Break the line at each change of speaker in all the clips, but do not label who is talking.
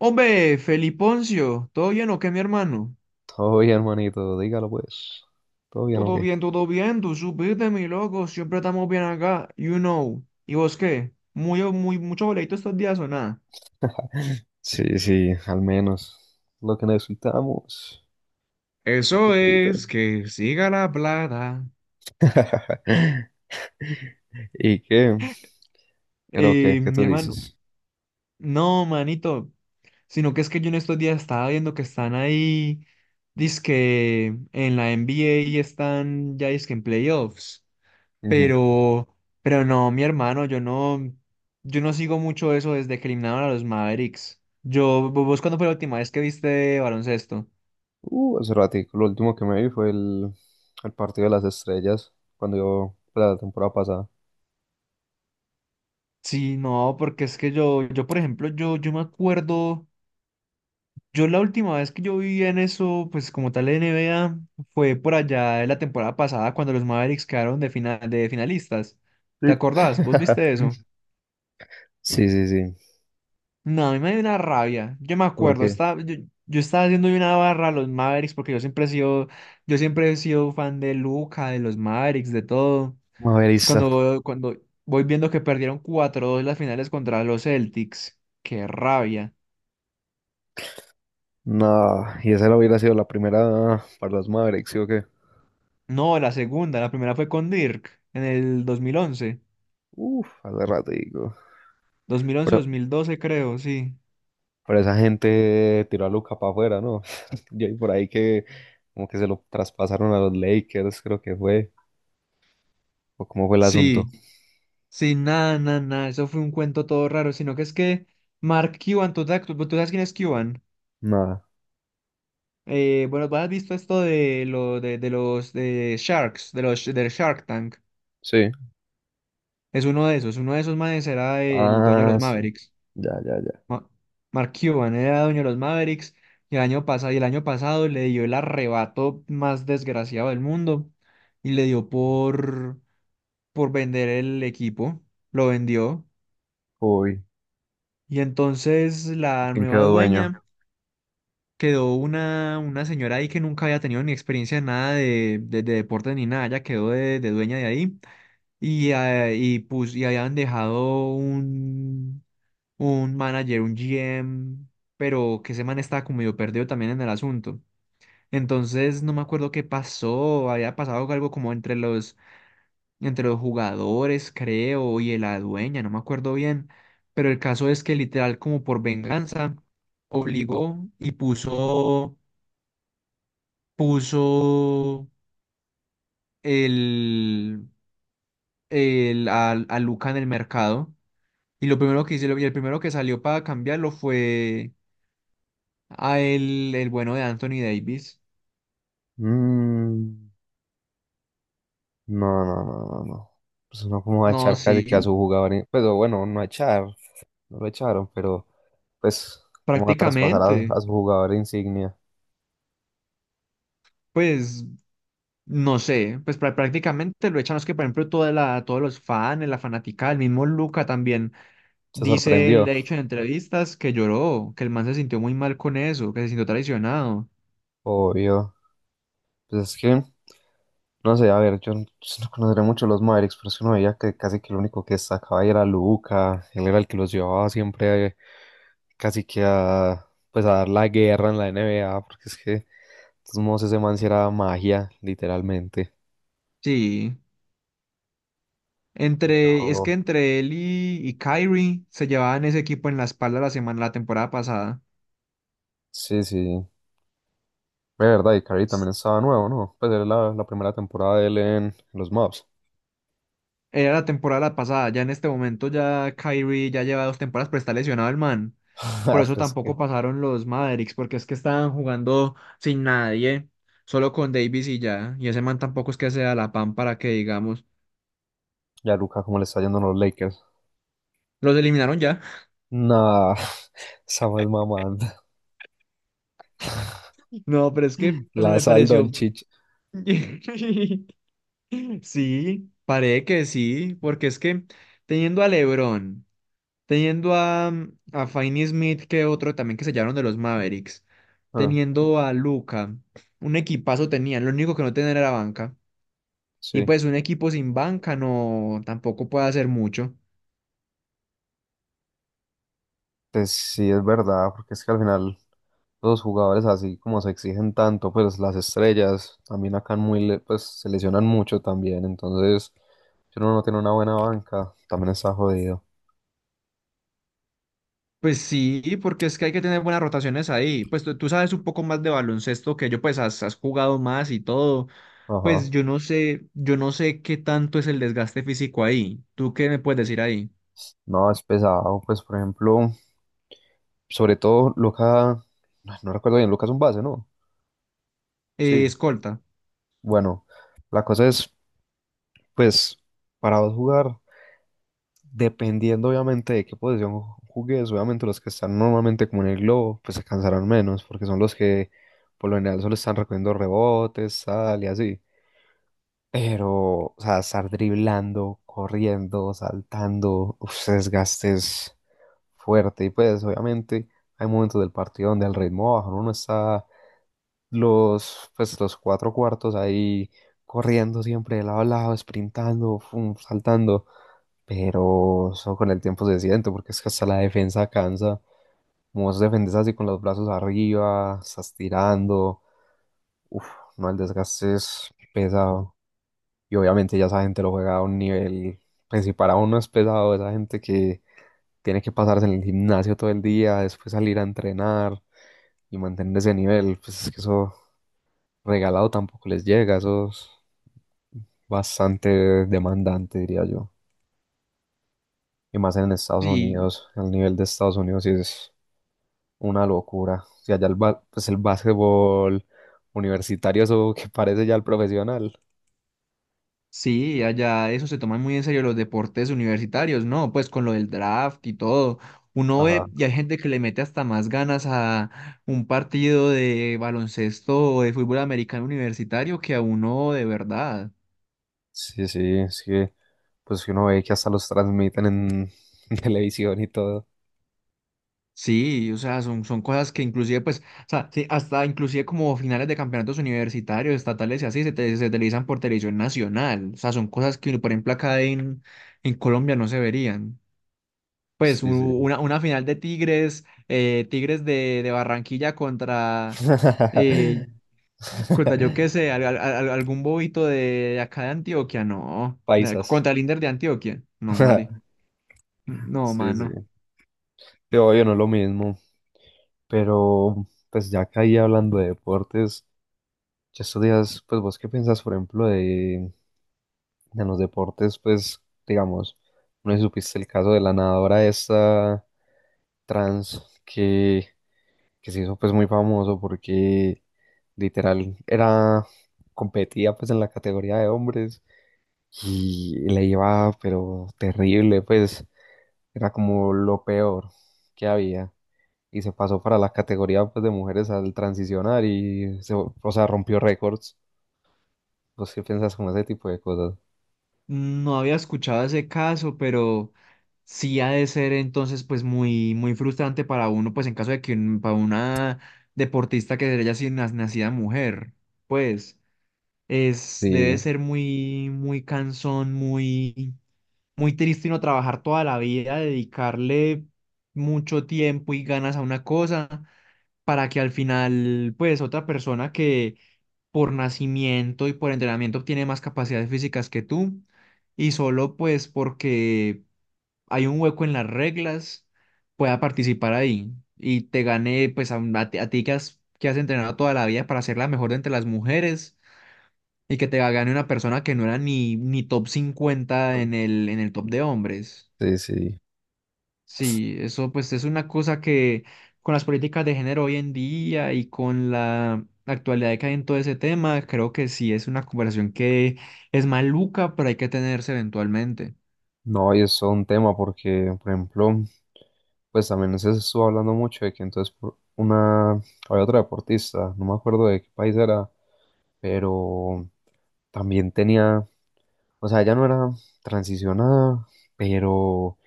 Hombre, Feliponcio, ¿todo bien o qué, mi hermano?
Todo bien, hermanito, dígalo pues. Todo bien, ok.
Todo bien, tú supiste, mi loco, siempre estamos bien acá, you know. ¿Y vos qué? Muy, muy, mucho boleto estos días o nada.
Sí, sí, al menos lo que necesitamos. Tú
Eso
supiste.
es, que siga la plata.
¿Y qué? Creo que, ¿qué
Mi
tú
hermano,
dices?
no, manito, sino que es que yo en estos días estaba viendo que están ahí, dizque en la NBA y están ya dizque en playoffs.
Ujú.
Pero, pero no, mi hermano, yo no sigo mucho eso desde que eliminaron a los Mavericks. ¿Vos cuándo fue la última vez que viste baloncesto?
Hace ratico, lo último que me vi fue el partido de las estrellas, cuando yo, pues, la temporada pasada.
Sí, no, porque es que por ejemplo, yo me acuerdo, yo la última vez que yo vi en eso, pues como tal NBA, fue por allá en la temporada pasada cuando los Mavericks quedaron de final, de finalistas. ¿Te
Sí.
acordás? ¿Vos viste eso?
Sí, sí, sí.
No, a mí me dio una rabia. Yo me acuerdo,
Porque
yo estaba haciendo una barra a los Mavericks porque yo siempre he sido, yo siempre he sido fan de Luca, de los Mavericks, de todo.
Maverista.
Cuando voy viendo que perdieron 4-2 las finales contra los Celtics, qué rabia.
No, y esa no hubiera sido la primera para los Mavericks, ¿sí o qué?
No, la segunda, la primera fue con Dirk en el 2011,
Uf, hace ratico.
2011-2012 creo, sí.
Pero esa gente tiró a Luca para afuera, ¿no? Yo vi por ahí que como que se lo traspasaron a los Lakers, creo que fue. ¿O cómo fue el asunto?
Sí, sí, nada, nada, nada, eso fue un cuento todo raro, sino que es que Mark Cuban, ¿tú, te- tú tú sabes quién es Cuban?
Nada.
Bueno, ¿tú has visto esto de, de los de Sharks, de los del Shark Tank?
Sí.
Es uno de esos. Uno de esos manes era el dueño de
Ah,
los
sí.
Mavericks.
Ya, ya, ya.
Ma- Mark Cuban era dueño de los Mavericks y el año pasado, y el año pasado le dio el arrebato más desgraciado del mundo y le dio por vender el equipo. Lo vendió.
Uy,
Y entonces
¿y
la
¿quién
nueva
quedó dueño?
dueña quedó una señora ahí que nunca había tenido ni experiencia en nada de deportes ni nada. Ella quedó de dueña de ahí. Y habían dejado un manager, un GM, pero que ese man estaba como medio perdido también en el asunto. Entonces no me acuerdo qué pasó, había pasado algo como entre entre los jugadores, creo, y la dueña, no me acuerdo bien. Pero el caso es que literal como por venganza obligó y puso el, a Luca en el mercado. Y lo primero que hicieron, y el primero que salió para cambiarlo fue a el bueno de Anthony Davis.
Mm, no, no, no, no, no. Pues uno como va a
No,
echar casi que a
sí,
su jugador. Pues o bueno, no a echar, no lo echaron, pero pues cómo va a traspasar
prácticamente,
a su jugador insignia.
pues, no sé, pues prácticamente lo echan, es que por ejemplo toda la, todos los fans, la fanática, el mismo Luca también,
Se
dice, él,
sorprendió,
le ha dicho en entrevistas que lloró, que el man se sintió muy mal con eso, que se sintió traicionado.
obvio. Pues es que... No sé, a ver, yo no conoceré mucho los Mavericks, pero es que uno veía que casi que el único que destacaba ahí era Luca, él era el que los llevaba siempre casi que a, pues a dar la guerra en la NBA, porque es que, de todos modos, ese man sí era magia, literalmente.
Sí, es
Pero,
que entre él y Kyrie se llevaban ese equipo en la espalda la semana, la temporada pasada.
sí, sí, de verdad, y Curry también estaba nuevo, ¿no? Pues era la primera temporada de él en los Mavs.
Era la temporada pasada, ya en este momento ya Kyrie ya lleva dos temporadas, pero está lesionado el man. Por
Ah,
eso
pero es que,
tampoco pasaron los Mavericks, porque es que estaban jugando sin nadie, solo con Davis y ya. Y ese man tampoco es que sea la pan para que digamos,
ya Luca, ¿cómo le está yendo a los Lakers?
los eliminaron ya.
Nah, esa más mamando.
No, pero es que, o sea,
La
me
sal
pareció.
Doncic.
Sí, parece que sí, porque es que teniendo a LeBron. Teniendo a, a Finney Smith, que otro también que se sellaron de los Mavericks.
Ah,
Teniendo a Luca. Un equipazo tenían. Lo único que no tenían era banca. Y
sí.
pues un equipo sin banca no tampoco puede hacer mucho.
Pues sí, es verdad, porque es que al final los jugadores así como se exigen tanto, pues las estrellas también acá muy pues se lesionan mucho también, entonces si uno no tiene una buena banca, también está jodido.
Pues sí, porque es que hay que tener buenas rotaciones ahí. Pues tú sabes un poco más de baloncesto que yo, pues has, has jugado más y todo.
Ajá.
Pues yo no sé qué tanto es el desgaste físico ahí. ¿Tú qué me puedes decir ahí?
No, es pesado, pues por ejemplo, sobre todo Luca, no recuerdo bien, Luca es un base, ¿no? Sí.
Escolta.
Bueno, la cosa es, pues, para vos jugar. Dependiendo obviamente de qué posición jugues, obviamente los que están normalmente como en el globo, pues se cansarán menos, porque son los que por lo general solo están recogiendo rebotes, tal y así. Pero, o sea, estar driblando, corriendo, saltando, uf, ese desgaste es fuerte. Y pues, obviamente, hay momentos del partido donde el ritmo baja, ¿no? Uno está los, pues, los cuatro cuartos ahí corriendo siempre de lado a lado, sprintando, fum, saltando. Pero eso con el tiempo se siente, porque es que hasta la defensa cansa. Como vos defendés así con los brazos arriba, estás tirando. Uff, no, el desgaste es pesado. Y obviamente ya esa gente lo juega a un nivel. Pues si para uno es pesado, esa gente que tiene que pasarse en el gimnasio todo el día, después salir a entrenar y mantener ese nivel, pues es que eso regalado tampoco les llega. Eso es bastante demandante, diría yo. Y más en Estados
Sí,
Unidos, el nivel de Estados Unidos sí es una locura. O sea, ya pues el básquetbol universitario, eso que parece ya el profesional.
sí, allá eso se toman muy en serio los deportes universitarios, ¿no? Pues con lo del draft y todo. Uno
Ajá.
ve y hay gente que le mete hasta más ganas a un partido de baloncesto o de fútbol americano universitario que a uno de verdad.
Sí, sí, es que pues uno ve que hasta los transmiten en televisión y todo.
Sí, o sea, son cosas que inclusive, pues, o sea, sí, hasta inclusive como finales de campeonatos universitarios, estatales y así, se televisan por televisión nacional. O sea, son cosas que, por ejemplo, acá en Colombia no se verían. Pues
Sí, sí.
una final de Tigres, Tigres de Barranquilla contra, eh, contra yo qué sé, algún bobito de acá de Antioquia, no.
Paisas.
Contra el Inder de Antioquia, no, Mari. No,
Sí, sí.
mano.
Pero obvio no es lo mismo. Pero pues ya caí hablando de deportes, ya estos días, pues vos qué piensas, por ejemplo, de en los deportes, pues, digamos, no sé si supiste el caso de la nadadora esta trans que se hizo pues muy famoso porque literal era, competía pues en la categoría de hombres y le iba pero terrible, pues era como lo peor que había y se pasó para la categoría pues de mujeres al transicionar y se, o sea, rompió récords. ¿Vos qué piensas con ese tipo de cosas?
No había escuchado ese caso, pero sí ha de ser entonces pues muy, muy frustrante para uno, pues en caso de que para una deportista que haya sido nacida mujer, pues es, debe
Sí,
ser muy, muy cansón, muy... muy triste no trabajar toda la vida, dedicarle mucho tiempo y ganas a una cosa para que al final, pues, otra persona que por nacimiento y por entrenamiento tiene más capacidades físicas que tú y solo pues porque hay un hueco en las reglas pueda participar ahí y te gane pues a, a ti que has entrenado toda la vida para ser la mejor de entre las mujeres. Y que te gane una persona que no era ni top 50 en el top de hombres.
sí, sí.
Sí, eso pues es una cosa que con las políticas de género hoy en día y con la actualidad que hay en todo ese tema, creo que sí es una conversación que es maluca, pero hay que tenerse eventualmente.
No, y es todo un tema porque, por ejemplo, pues también se estuvo hablando mucho de que entonces por una, había otra deportista, no me acuerdo de qué país era, pero también tenía, o sea, ella no era transicionada, pero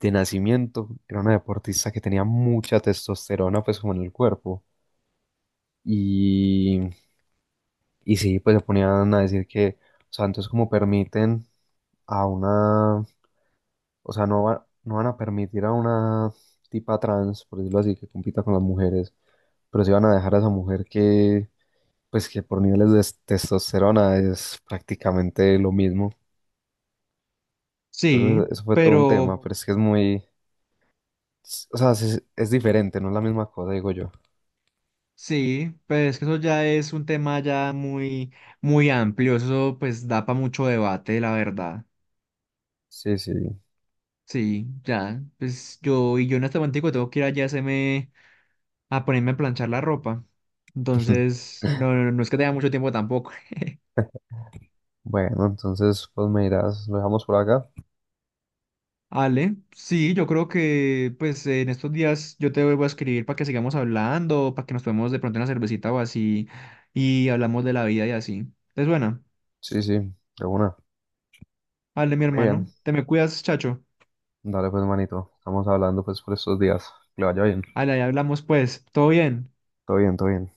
de nacimiento era una deportista que tenía mucha testosterona pues como en el cuerpo. Y, y sí, pues se ponían a decir que, o sea, entonces como permiten a una, o sea, no van a permitir a una tipa trans, por decirlo así, que compita con las mujeres, pero sí van a dejar a esa mujer que, pues que por niveles de testosterona es prácticamente lo mismo.
Sí,
Entonces, eso fue todo un tema,
pero
no. Pero es que es muy, o sea, es diferente, no es la misma cosa, digo yo.
sí, pues que eso ya es un tema ya muy, muy amplio, eso pues da para mucho debate, la verdad.
Sí, sí.
Sí, ya, pues yo en este momento tengo que ir allá a a ponerme a planchar la ropa. Entonces, no es que tenga mucho tiempo tampoco.
Bueno, entonces, pues me dirás, ¿lo dejamos por acá?
Ale, sí, yo creo que pues en estos días yo te vuelvo a escribir para que sigamos hablando, para que nos tomemos de pronto una cervecita o así y hablamos de la vida y así. Entonces, bueno,
Sí, sí, de una.
ale, mi
Muy
hermano,
bien.
te me cuidas, chacho.
Dale, pues, manito. Estamos hablando, pues, por estos días. Que le vaya bien.
Ale, ahí hablamos pues, todo bien.
Todo bien, todo bien.